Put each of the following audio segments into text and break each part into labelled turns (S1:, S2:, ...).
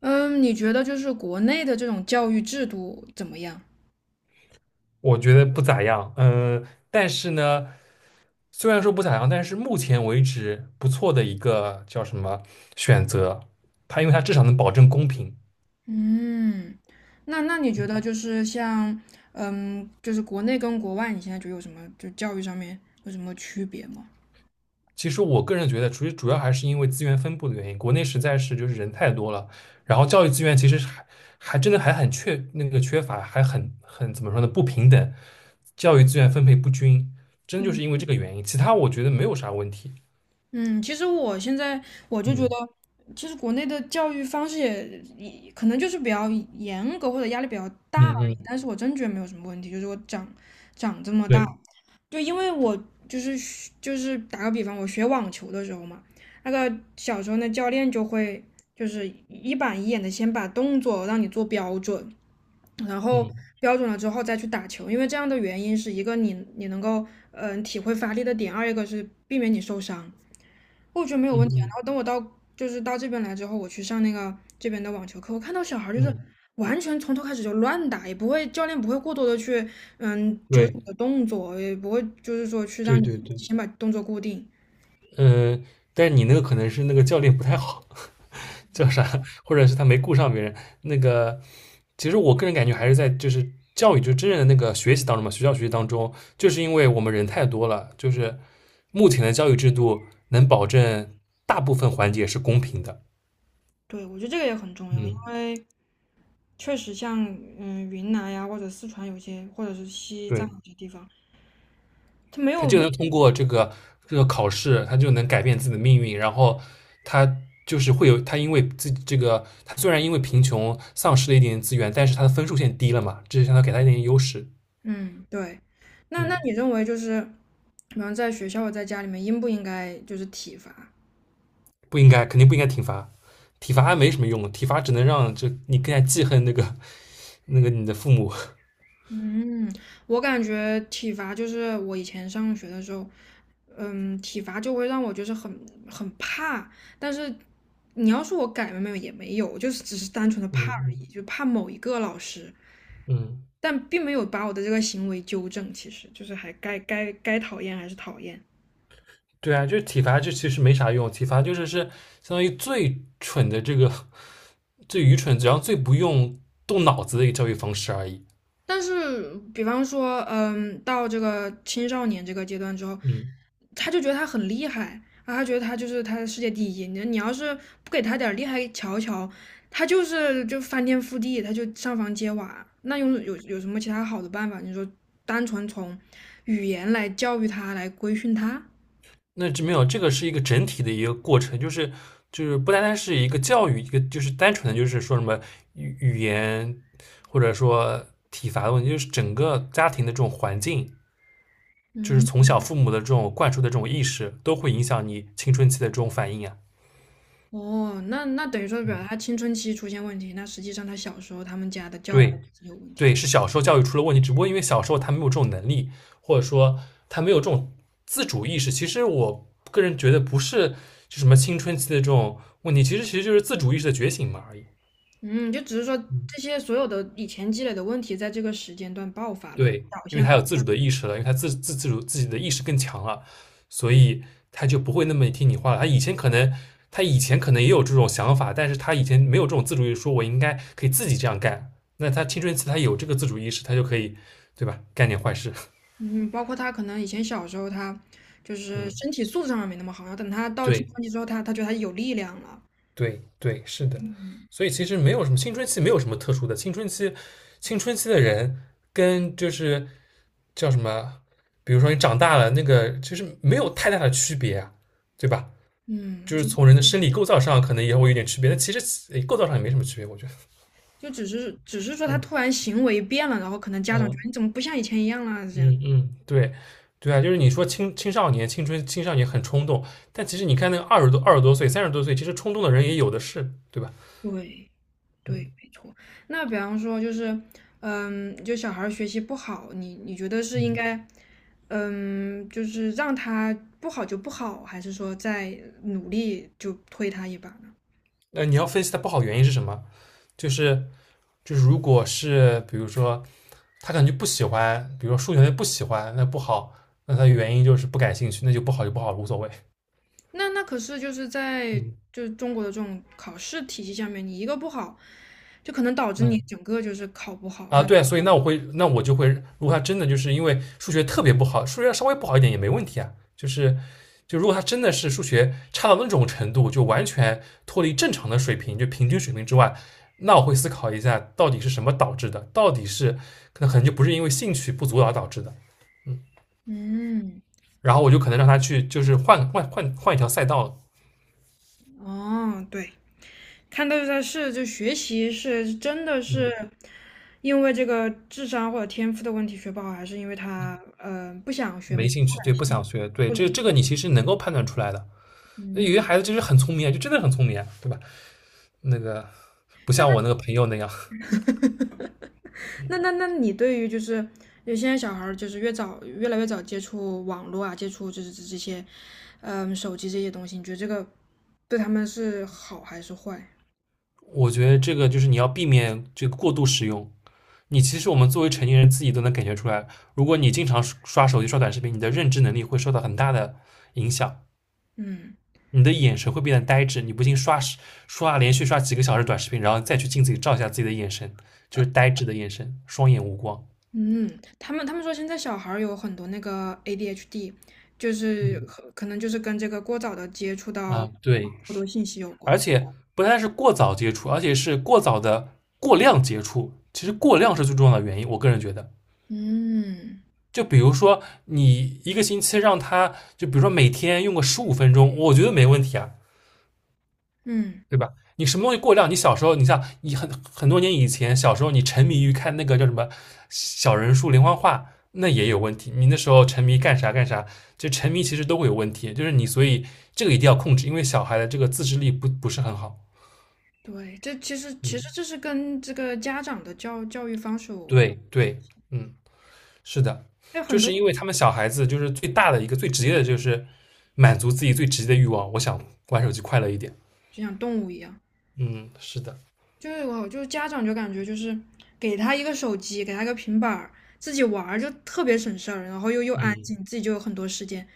S1: 嗯，你觉得就是国内的这种教育制度怎么样？
S2: 我觉得不咋样，但是呢，虽然说不咋样，但是目前为止不错的一个叫什么选择，它因为它至少能保证公平。
S1: 嗯，那你觉得就是像，嗯，就是国内跟国外，你现在觉得有什么就教育上面有什么区别吗？
S2: 其实我个人觉得，主要还是因为资源分布的原因，国内实在是就是人太多了，然后教育资源其实是还真的还很缺那个缺乏，还很怎么说呢不平等，教育资源分配不均，真就是因为这个原因，其他我觉得没有啥问题。
S1: 嗯，其实我现在我就觉得，
S2: 嗯
S1: 其实国内的教育方式也可能就是比较严格或者压力比较大而
S2: 嗯
S1: 已，
S2: 嗯，
S1: 但是我真觉得没有什么问题，就是我长长这么大。
S2: 对，
S1: 就因为我就是就是打个比方，我学网球的时候嘛，那个小时候那教练就会就是一板一眼的先把动作让你做标准，然后
S2: 嗯
S1: 标准了之后再去打球，因为这样的原因是一个你能够体会发力的点，二一个是避免你受伤。我觉得没有问
S2: 嗯
S1: 题啊。
S2: 嗯
S1: 然后等我到就是到这边来之后，我去上那个这边的网球课，我看到小孩儿就是
S2: 嗯，
S1: 完全从头开始就乱打，也不会教练不会过多的去纠正
S2: 对。
S1: 你的动作，也不会就是说去
S2: 对
S1: 让你
S2: 对对，
S1: 先把动作固定。
S2: 呃，但是你那个可能是那个教练不太好，叫啥，或者是他没顾上别人。那个，其实我个人感觉还是在就是教育，就真正的那个学习当中嘛，学校学习当中，就是因为我们人太多了，就是目前的教育制度能保证大部分环节是公平的。
S1: 对，我觉得这个也很重要，因
S2: 嗯，
S1: 为确实像云南呀或者四川有些，或者是西藏
S2: 对。
S1: 有些地方，他没
S2: 他
S1: 有
S2: 就能通过这个考试，他就能改变自己的命运。然后他就是会有他因为自己这个，他虽然因为贫穷丧失了一点资源，但是他的分数线低了嘛，这就相当于给他一点优势。
S1: 嗯对。那
S2: 嗯，
S1: 你认为就是，比方在学校或在家里面应不应该就是体罚？
S2: 不应该，肯定不应该体罚，体罚没什么用，体罚只能让这你更加记恨那个你的父母。
S1: 嗯，我感觉体罚就是我以前上学的时候，嗯，体罚就会让我就是很怕，但是你要说我改了没有也没有，就是只是单纯的
S2: 嗯
S1: 怕而已，
S2: 嗯
S1: 就怕某一个老师，
S2: 嗯，
S1: 但并没有把我的这个行为纠正，其实就是还该讨厌还是讨厌。
S2: 对啊，就是体罚，这其实没啥用，体罚就是相当于最蠢的这个最愚蠢，然后最不用动脑子的一个教育方式而已。
S1: 但是，比方说，嗯，到这个青少年这个阶段之后，
S2: 嗯。
S1: 他就觉得他很厉害啊，他觉得他就是他的世界第一。你你要是不给他点厉害瞧瞧，他就是就翻天覆地，他就上房揭瓦。那用有什么其他好的办法？你说单纯从语言来教育他，来规训他？
S2: 那这没有，这个是一个整体的一个过程，就是就是不单单是一个教育，一个就是单纯的就是说什么语言或者说体罚的问题，就是整个家庭的这种环境，就是
S1: 嗯，
S2: 从小父母的这种灌输的这种意识，都会影响你青春期的这种反应啊。
S1: 哦，那那等于说表达
S2: 嗯，
S1: 他青春期出现问题，那实际上他小时候他们家的教育已
S2: 对
S1: 经有问题了。
S2: 对，是小时候教育出了问题，只不过因为小时候他没有这种能力，或者说他没有这种自主意识。其实我个人觉得不是就什么青春期的这种问题，其实就是自主意识的觉醒嘛而已。
S1: 嗯，就只是说
S2: 嗯，
S1: 这些所有的以前积累的问题，在这个时间段爆发了，
S2: 对，因为他有自主的意识了，因为他自主自己的意识更强了，所以他就不会那么听你话了。他以前可能，他以前可能也有这种想法，但是他以前没有这种自主意识，说我应该可以自己这样干。那他青春期他有这个自主意识，他就可以，对吧？干点坏事。
S1: 嗯，包括他可能以前小时候他就 是
S2: 嗯，
S1: 身体素质上面没那么好，然后等他到青
S2: 对
S1: 春期之后，他觉得他有力量了，
S2: 对对，是的。所以其实没有什么青春期，没有什么特殊的。青春期，青春期的人跟就是叫什么？比如说你长大了，那个其实没有太大的区别啊，对吧？
S1: 嗯，
S2: 就是
S1: 就
S2: 从人的生理构造上可能也会有点区别，但其实诶构造上也没什么区别，我觉得。
S1: 就只是说他突然行为变了，然后可能家长觉得你
S2: 嗯
S1: 怎么不像以前一样啦这样。
S2: 嗯嗯，对对啊，就是你说青少年、青春、青少年很冲动，但其实你看那个二十多、二十多岁、三十多岁，其实冲动的人也有的是，对吧？
S1: 对
S2: 嗯
S1: 对，没错。那比方说就是，嗯，就小孩儿学习不好，你觉得是应
S2: 嗯，
S1: 该，嗯，就是让他不好就不好，还是说再努力就推他一把？
S2: 那你要分析它不好原因是什么？就是就是如果是比如说他可能就不喜欢，比如说数学他就不喜欢，那不好，那他原因就是不感兴趣，那就不好就不好，无所谓。
S1: 那那可是就是在
S2: 嗯
S1: 就是中国的这种考试体系下面，你一个不好，就可能导致
S2: 嗯
S1: 你整个就是考不好。
S2: 啊，
S1: 那
S2: 对，所以那我会，那我就会，如果他真的就是因为数学特别不好，数学稍微不好一点也没问题啊，就是就如果他真的是数学差到那种程度，就完全脱离正常的水平，就平均水平之外。那我会思考一下，到底是什么导致的？到底是可能就不是因为兴趣不足而导致的，
S1: 嗯，
S2: 然后我就可能让他去，就是换一条赛道，
S1: 哦，对，看到就在是就学习是真的是
S2: 嗯，
S1: 因为这个智商或者天赋的问题学不好，还是因为他不想学，没
S2: 没
S1: 有
S2: 兴
S1: 不好
S2: 趣，对，
S1: 感兴
S2: 不
S1: 趣，
S2: 想学，对，
S1: 或者
S2: 这
S1: 是
S2: 这个你其实能够判断出来的。有
S1: 嗯，
S2: 些孩子就是很聪明啊，就真的很聪明啊，对吧？那个不像我那
S1: 那
S2: 个朋友那样，
S1: 那你对于就是有现在小孩儿就是越早越来越早接触网络啊，接触就是这这些，嗯，手机这些东西，你觉得这个对他们是好还是坏？
S2: 我觉得这个就是你要避免这个过度使用。你其实我们作为成年人自己都能感觉出来，如果你经常刷手机、刷短视频，你的认知能力会受到很大的影响。
S1: 嗯
S2: 你的眼神会变得呆滞。你不信连续刷几个小时短视频，然后再去镜子里照一下自己的眼神，就是呆滞的眼神，双眼无光。
S1: 嗯，他们说现在小孩儿有很多那个 ADHD，就是
S2: 嗯
S1: 可能就是跟这个过早的接触到
S2: 啊，对，
S1: 过多信息有
S2: 而
S1: 关。
S2: 且不但是过早接触，而且是过早的过量接触。其实
S1: 嗯
S2: 过量是最重要的原因，我个人觉得。
S1: 嗯
S2: 就比如说，你一个星期让他，就比如说每天用个十五分钟，我觉得没问题啊。
S1: 嗯，
S2: 对吧？你什么东西过量？你小时候，你像你很多年以前，小时候你沉迷于看那个叫什么小人书连环画，那也有问题。你那时候沉迷干啥干啥，就沉迷其实都会有问题。就是你，所以这个一定要控制，因为小孩的这个自制力不是很好。
S1: 对，这其实
S2: 嗯，
S1: 这是跟这个家长的教育方式有
S2: 对
S1: 关，
S2: 对，嗯，是的，
S1: 还有
S2: 就
S1: 很多
S2: 是因为他们小孩子就是最大的一个最直接的就是满足自己最直接的欲望，我想玩手机快乐一点。
S1: 就像动物一样。
S2: 嗯，是的，
S1: 就是我就家长就感觉就是给他一个手机，给他一个平板儿，自己玩儿就特别省事儿，然后又安静，
S2: 嗯。
S1: 自己就有很多时间，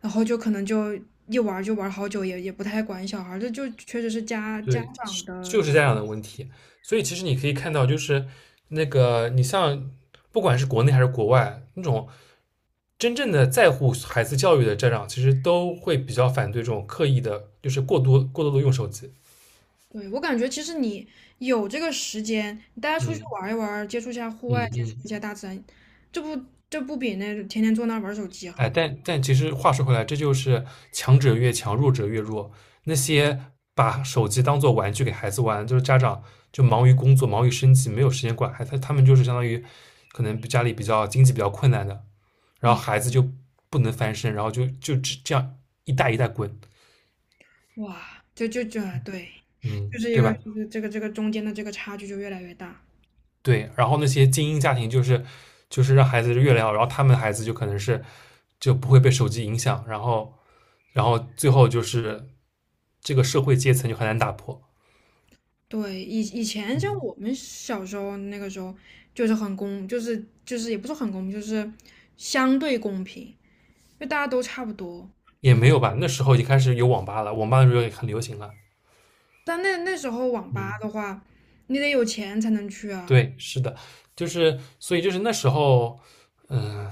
S1: 然后就可能就一玩儿就玩儿好久，也不太管小孩儿，这就确实是家家
S2: 对，
S1: 长
S2: 是
S1: 的。
S2: 就是家长的问题。所以其实你可以看到，就是那个你像不管是国内还是国外，那种真正的在乎孩子教育的家长，其实都会比较反对这种刻意的，就是过多的用手机。
S1: 对，我感觉其实你有这个时间，你带他出去
S2: 嗯
S1: 玩儿一玩儿，接触一下户
S2: 嗯
S1: 外，接触一
S2: 嗯，
S1: 下大自然，这不比那天天坐那儿玩儿手机
S2: 哎，
S1: 好？
S2: 但但其实话说回来，这就是强者越强，弱者越弱。那些把手机当做玩具给孩子玩，就是家长就忙于工作，忙于生计，没有时间管孩子，他们就是相当于可能家里比较经济比较困难的，然后
S1: 嗯，
S2: 孩子就不能翻身，然后就只这样一代一代滚，
S1: 哇，就对，
S2: 嗯，
S1: 就是一
S2: 对
S1: 个
S2: 吧？
S1: 就是这个中间的这个差距就越来越大。
S2: 对，然后那些精英家庭就是让孩子越来越好，然后他们的孩子就可能是就不会被手机影响，然后然后最后就是这个社会阶层就很难打破，
S1: 对，以前像
S2: 嗯，
S1: 我们小时候那个时候，就是很公，就是也不是很公平，就是相对公平，就大家都差不多。
S2: 也
S1: 只
S2: 没有吧？那时候已经开始有网吧了，网吧的时候也很流行了，
S1: 但那时候网吧
S2: 嗯，
S1: 的话，你得有钱才能去啊。
S2: 对，是的，就是所以就是那时候，嗯、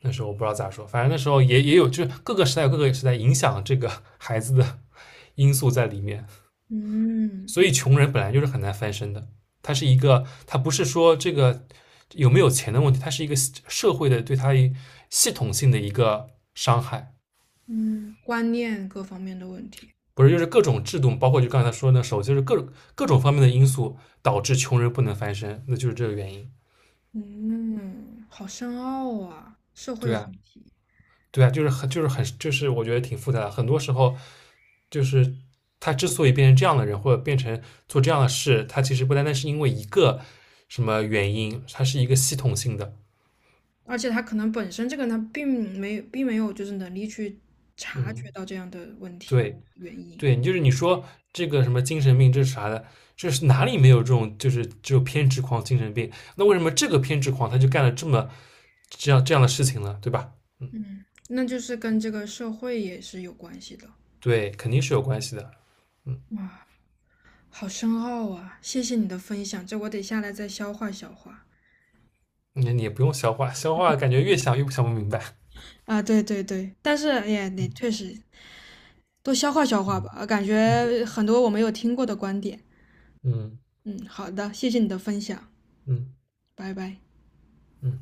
S2: 那时候我不知道咋说，反正那时候也有，就是各个时代有各个时代影响这个 孩子的 因素在里面，
S1: 嗯
S2: 所以穷人本来就是很难翻身的。他是一个，他不是说这个有没有钱的问题，它是一个社会的对他系统性的一个伤害，
S1: 嗯，观念各方面的问题。
S2: 不是就是各种制度，包括就刚才说那手，就是各种方面的因素导致穷人不能翻身，那就是这个原因。
S1: 嗯，好深奥啊，社会
S2: 对
S1: 问
S2: 啊，
S1: 题。
S2: 对啊，就是很就是很就是我觉得挺复杂的，很多时候就是他之所以变成这样的人，或者变成做这样的事，他其实不单单是因为一个什么原因，它是一个系统性的。
S1: 而且他可能本身这个人他并没有就是能力去察
S2: 嗯，
S1: 觉到这样的问题
S2: 对
S1: 原因。
S2: 对，你就是你说这个什么精神病，这是啥的？这是哪里没有这种就是只有偏执狂、精神病？那为什么这个偏执狂他就干了这么这样这样的事情呢？对吧？
S1: 嗯，那就是跟这个社会也是有关系的。
S2: 对，肯定是有关系的。嗯，
S1: 哇，好深奥啊！谢谢你的分享，这我得下来再消化消化。
S2: 你你也不用消化，消化感觉越想越不想不明白。
S1: 啊，对对对，但是哎呀，你
S2: 嗯
S1: 确实多消化消化吧，感
S2: 嗯。
S1: 觉很多我没有听过的观点。
S2: 嗯
S1: 嗯，好的，谢谢你的分享，
S2: 嗯
S1: 拜拜。
S2: 嗯。